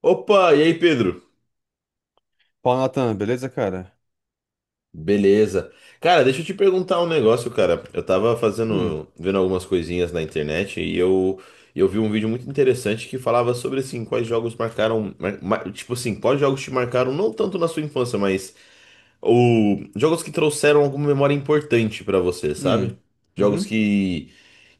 Opa, e aí, Pedro? Fala, Natan, beleza, cara? Beleza. Cara, deixa eu te perguntar um negócio, cara. Eu tava Hum. fazendo, vendo algumas coisinhas na internet e eu vi um vídeo muito interessante que falava sobre assim, quais jogos marcaram, tipo assim, quais jogos te marcaram não tanto na sua infância, mas o jogos que trouxeram alguma memória importante pra você, sabe? Hum. Jogos Uhum. que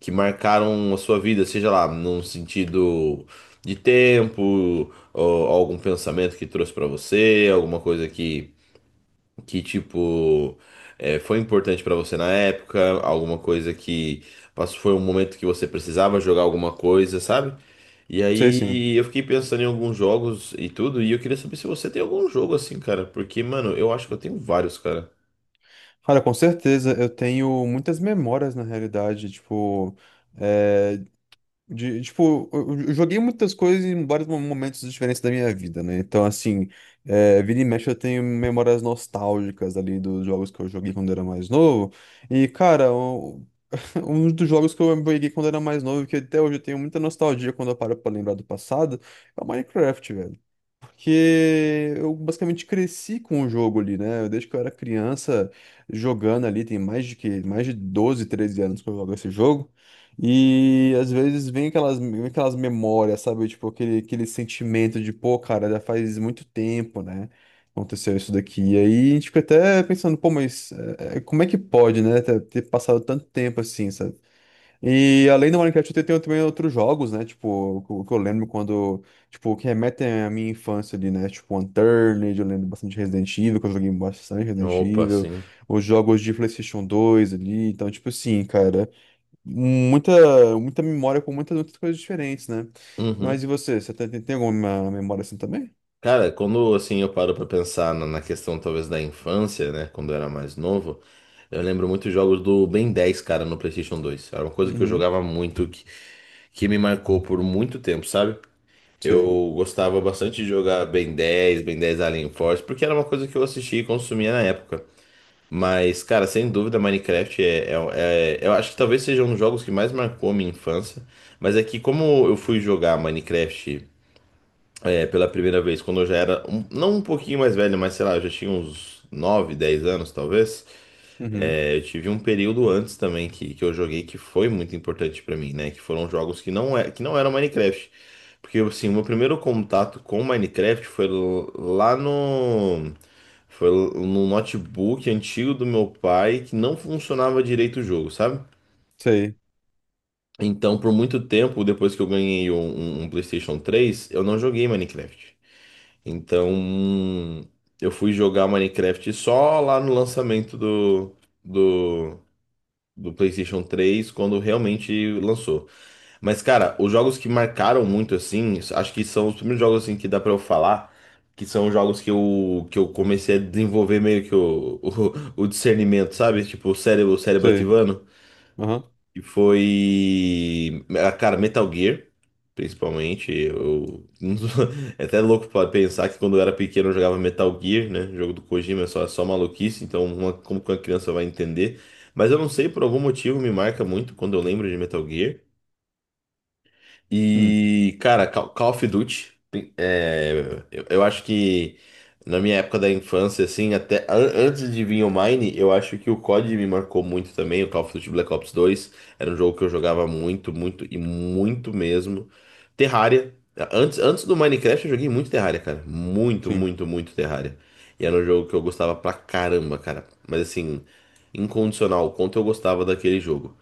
que marcaram a sua vida, seja lá num sentido de tempo, ou algum pensamento que trouxe pra você, alguma coisa que tipo foi importante pra você na época, alguma coisa que passou, foi um momento que você precisava jogar alguma coisa, sabe? E Sei sim. aí eu fiquei pensando em alguns jogos e tudo, e eu queria saber se você tem algum jogo assim, cara, porque, mano, eu acho que eu tenho vários, cara. Cara, com certeza, eu tenho muitas memórias na realidade, tipo, é, de, tipo, eu joguei muitas coisas em vários momentos diferentes da minha vida, né? Então, assim, vira e mexe eu tenho memórias nostálgicas ali dos jogos que eu joguei quando era mais novo. E, cara, um dos jogos que eu joguei quando era mais novo, que até hoje eu tenho muita nostalgia quando eu paro pra lembrar do passado, é o Minecraft, velho. Porque eu basicamente cresci com o jogo ali, né? Desde que eu era criança jogando ali, tem mais de 12, 13 anos que eu jogo esse jogo. E às vezes vem aquelas memórias, sabe? Tipo, aquele sentimento de, pô, cara, já faz muito tempo, né? Aconteceu isso daqui. E aí a gente fica até pensando, pô, mas como é que pode, né? Ter passado tanto tempo assim, sabe? E além do Minecraft, eu tenho também outros jogos, né? Tipo, o que eu lembro quando. Tipo, que remetem à minha infância ali, né? Tipo, Unturned, eu lembro bastante Resident Evil, que eu joguei bastante Resident Opa, Evil. sim. Os jogos de PlayStation 2 ali. Então, tipo assim, cara. Muita, muita memória com muitas outras coisas diferentes, né? Mas Uhum. e você? Você tem alguma memória assim também? Cara, quando assim eu paro pra pensar na questão talvez da infância, né, quando eu era mais novo, eu lembro muito jogos do Ben 10 cara, no PlayStation 2. Era uma coisa que eu Uhum. jogava muito, que me marcou por muito tempo, sabe? Sei. Eu gostava bastante de jogar Ben 10, Ben 10 Alien Force, porque era uma coisa que eu assistia e consumia na época. Mas, cara, sem dúvida, Minecraft. Eu acho que talvez seja um dos jogos que mais marcou a minha infância. Mas é que, como eu fui jogar Minecraft pela primeira vez, quando eu já era, não um pouquinho mais velho, mas sei lá, eu já tinha uns 9 10 anos, talvez. Uhum. É, eu tive um período antes também que eu joguei que foi muito importante pra mim, né? Que foram jogos que não, é, que não eram Minecraft. Porque, assim, o meu primeiro contato com Minecraft foi lá no... Foi no notebook antigo do meu pai que não funcionava direito o jogo, sabe? Sei. Então, por muito tempo, depois que eu ganhei um PlayStation 3, eu não joguei Minecraft. Então, eu fui jogar Minecraft só lá no lançamento do do PlayStation 3 quando realmente lançou. Mas, cara, os jogos que marcaram muito, assim, acho que são os primeiros jogos assim, que dá pra eu falar, que são os jogos que eu comecei a desenvolver meio que o, o discernimento, sabe? Tipo, o cérebro Sei. ativando. Aham. E foi. Ah, cara, Metal Gear, principalmente. Eu... É até louco pra pensar que quando eu era pequeno eu jogava Metal Gear, né? Jogo do Kojima, é só maluquice, então como que uma criança vai entender? Mas eu não sei, por algum motivo me marca muito quando eu lembro de Metal Gear. Hum. E, cara, Call of Duty, é, eu acho que na minha época da infância, assim, até antes de vir o Mine, eu acho que o COD me marcou muito também, o Call of Duty Black Ops 2 era um jogo que eu jogava muito, muito e muito mesmo. Terraria, antes do Minecraft eu joguei muito Terraria, cara, muito, Sim. muito, muito Terraria. E era um jogo que eu gostava pra caramba, cara, mas assim, incondicional, o quanto eu gostava daquele jogo.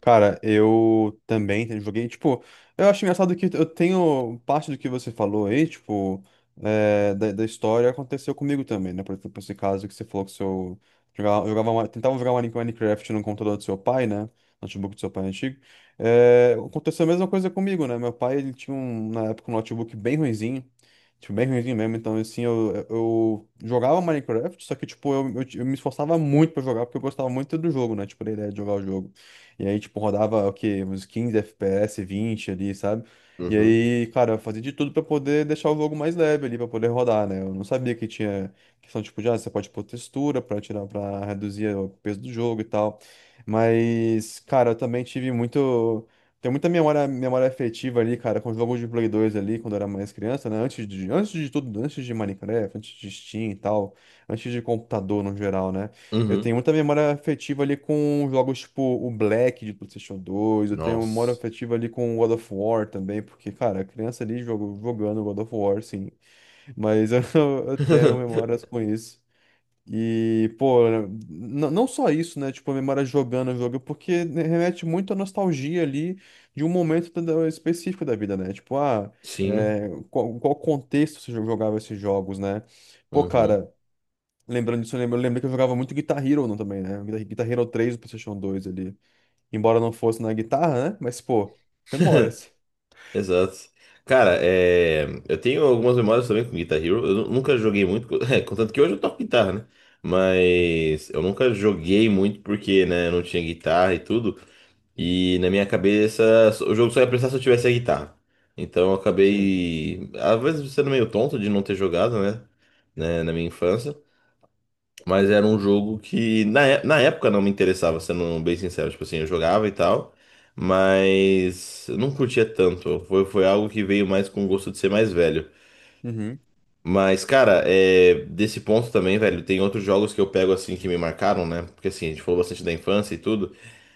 Cara, eu também joguei, tipo, eu acho engraçado que eu tenho parte do que você falou aí, tipo, da história aconteceu comigo também, né? Por exemplo, esse caso que você falou que seu tentava jogar uma Minecraft no computador do seu pai, né? Notebook do seu pai antigo. É, aconteceu a mesma coisa comigo, né? Meu pai, ele tinha um, na época um notebook bem ruinzinho, tipo, bem ruinzinho mesmo, então assim, eu jogava Minecraft, só que, tipo, eu me esforçava muito pra jogar, porque eu gostava muito do jogo, né? Tipo, da ideia de jogar o jogo. E aí, tipo, rodava o quê? Uns 15 FPS, 20 ali, sabe? E Uhum, aí, cara, eu fazia de tudo pra poder deixar o jogo mais leve ali, pra poder rodar, né? Eu não sabia que tinha questão, tipo, de, ah, você pode pôr textura pra tirar, pra reduzir o peso do jogo e tal. Mas, cara, eu também tive muito. Tem muita memória, memória afetiva ali, cara, com jogos de Play 2 ali, quando eu era mais criança, né? Antes de tudo, antes de Minecraft, antes de Steam e tal, antes de computador no geral, né? Eu tenho uhum, muita memória afetiva ali com jogos tipo o Black de PlayStation 2. Eu tenho memória nossa. afetiva ali com God of War também, porque, cara, a criança ali jogando God of War, sim. Mas eu tenho memórias com isso. E, pô, não só isso, né? Tipo, a memória jogando o jogo, porque né, remete muito à nostalgia ali de um momento específico da vida, né? Tipo, ah, Sim. Qual contexto você jogava esses jogos, né? Pô, Uhum. cara. Lembrando disso, eu lembrei que eu jogava muito Guitar Hero no também, né? Guitar Hero 3 do PlayStation 2 ali. Embora não fosse na guitarra, né? Mas, pô, memórias. Exato. Cara, é, eu tenho algumas memórias também com Guitar Hero. Eu nunca joguei muito, contanto que hoje eu toco guitarra, né? Mas eu nunca joguei muito porque, né, eu não tinha guitarra e tudo. E na minha cabeça, o jogo só ia prestar se eu tivesse a guitarra. Então eu Sim. acabei, às vezes, sendo meio tonto de não ter jogado, né? Né, na minha infância. Mas era um jogo que na, na época não me interessava, sendo bem sincero. Tipo assim, eu jogava e tal, mas eu não curtia tanto. Foi, foi algo que veio mais com o gosto de ser mais velho. Uhum. Mas, cara, é, desse ponto também, velho, tem outros jogos que eu pego assim que me marcaram, né? Porque assim, a gente falou bastante da infância e tudo,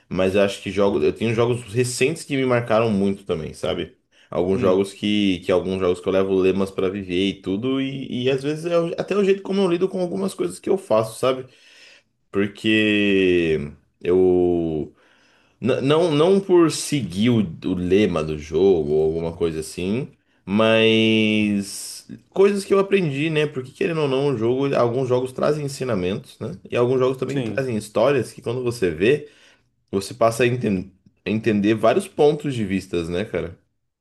mas eu acho que jogos, eu tenho jogos recentes que me marcaram muito também, sabe? Alguns Hum. jogos que alguns jogos que eu levo lemas pra viver e tudo, e às vezes é até o jeito como eu lido com algumas coisas que eu faço, sabe? Porque eu. Não, não por seguir o lema do jogo ou alguma coisa assim, mas coisas que eu aprendi, né? Porque querendo ou não, o jogo, alguns jogos trazem ensinamentos, né? E alguns jogos também Sim. trazem histórias que quando você vê, você passa a a entender vários pontos de vistas, né, cara?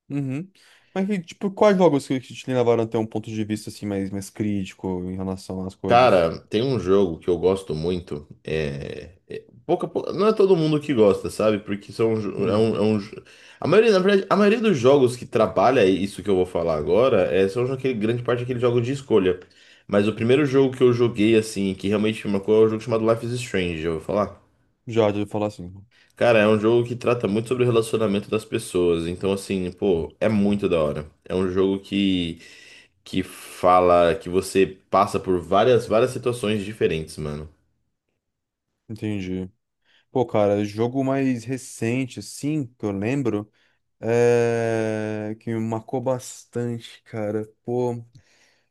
Uhum. Mas, e, tipo, quais jogos que te levaram a ter um ponto de vista, assim, mais crítico em relação às coisas? Cara, tem um jogo que eu gosto muito. É, pouca, não é todo mundo que gosta, sabe? Porque são, Hum. A maioria, na verdade, a maioria dos jogos que trabalha isso que eu vou falar agora é, são aquele, grande parte daqueles jogos de escolha. Mas o primeiro jogo que eu joguei, assim, que realmente me marcou, é um jogo chamado Life is Strange, eu vou falar. Já, de falar assim. Cara, é um jogo que trata muito sobre o relacionamento das pessoas. Então, assim, pô, é muito da hora. É um jogo que fala que você passa por várias, várias situações diferentes, mano. Entendi. Pô, cara, jogo mais recente, assim, que eu lembro, é, que me marcou bastante, cara. Pô.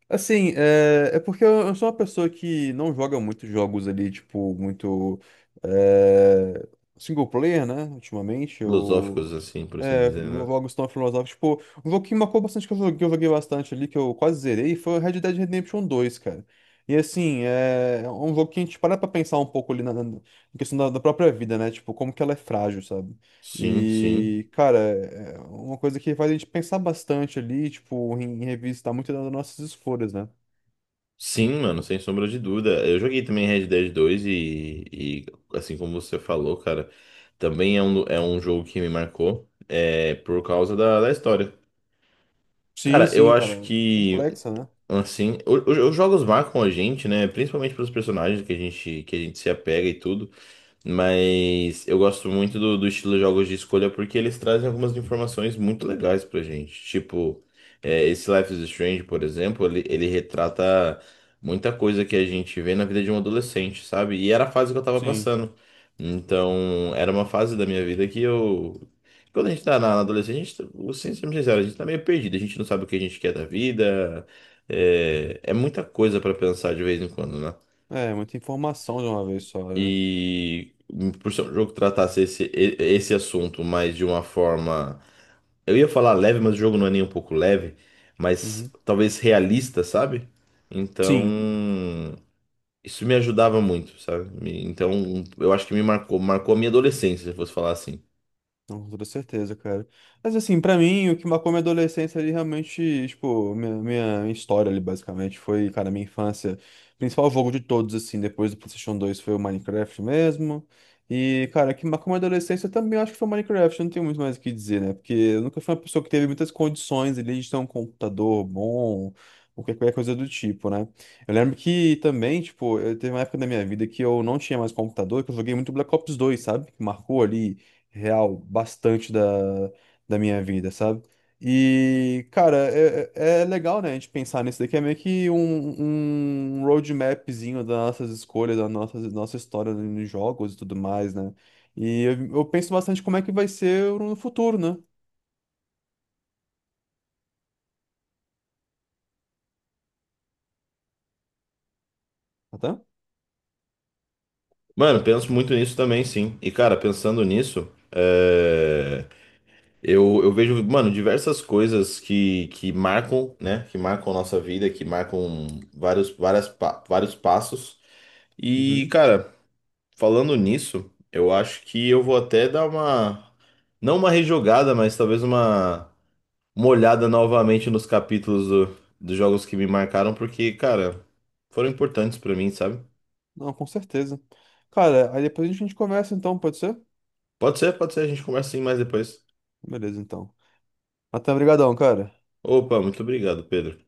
Assim, é porque eu sou uma pessoa que não joga muitos jogos ali, tipo, muito é, single player, né? Ultimamente, Filosóficos, eu assim, por assim dizer, né? jogos tão filosóficos. Tipo, um jogo que marcou bastante, que eu joguei bastante ali, que eu quase zerei, foi o Red Dead Redemption 2 cara. E assim, é um jogo que a gente para pra pensar um pouco ali na questão da própria vida, né? Tipo, como que ela é frágil, sabe? Sim, sim. E, cara, é uma coisa que faz a gente pensar bastante ali, tipo, em revistar muito das nossas escolhas, né? Sim, mano, sem sombra de dúvida. Eu joguei também Red Dead 2 e, assim como você falou, cara, também é um jogo que me marcou é, por causa da, da história. Sim, Cara, eu sim, cara. acho que, Complexa, né? assim, os jogos marcam a gente, né? Principalmente pelos personagens que a gente se apega e tudo. Mas eu gosto muito do, do estilo de jogos de escolha porque eles trazem algumas informações muito legais pra gente. Tipo, é, esse Life is Strange, por exemplo, ele retrata muita coisa que a gente vê na vida de um adolescente, sabe? E era a fase que eu tava Sim. passando. Então, era uma fase da minha vida que eu. Quando a gente tá na adolescência, a gente, vou ser sincero, a gente tá meio perdido, a gente não sabe o que a gente quer da vida. É, é muita coisa pra pensar de vez em quando, né? É, muita informação de uma vez só, né? E por ser um jogo que tratasse esse, esse assunto, mas de uma forma. Eu ia falar leve, mas o jogo não é nem um pouco leve, mas Uhum. talvez realista, sabe? Então, Sim. isso me ajudava muito, sabe? Então, eu acho que me marcou, marcou a minha adolescência, se eu fosse falar assim. Não, com toda certeza, cara. Mas assim, pra mim, o que marcou minha adolescência ali realmente, tipo, minha história ali, basicamente, foi, cara, minha infância. O principal jogo de todos, assim, depois do PlayStation 2 foi o Minecraft mesmo. E, cara, o que marcou minha adolescência também eu acho que foi o Minecraft, eu não tenho muito mais o que dizer, né? Porque eu nunca fui uma pessoa que teve muitas condições ali de ter um computador bom, ou qualquer coisa do tipo, né? Eu lembro que também, tipo, eu teve uma época da minha vida que eu não tinha mais computador, que eu joguei muito Black Ops 2, sabe? Que marcou ali real bastante da minha vida, sabe? E, cara, é legal, né, a gente pensar nisso daqui, é meio que um roadmapzinho das nossas escolhas, nossa história nos jogos e tudo mais, né? E eu penso bastante como é que vai ser no futuro, né? Até? Mano, penso muito nisso também, sim. E, cara, pensando nisso, eu vejo, mano, diversas coisas que marcam, né? Que marcam nossa vida, que marcam vários passos. E, Uhum. cara, falando nisso, eu acho que eu vou até dar uma, não uma rejogada, mas talvez uma olhada novamente nos capítulos dos jogos que me marcaram, porque, cara, foram importantes pra mim, sabe? Não, com certeza. Cara, aí depois a gente conversa então, pode ser? Pode ser, a gente conversa sim mais depois. Beleza, então. Até, obrigadão, cara. Opa, muito obrigado, Pedro.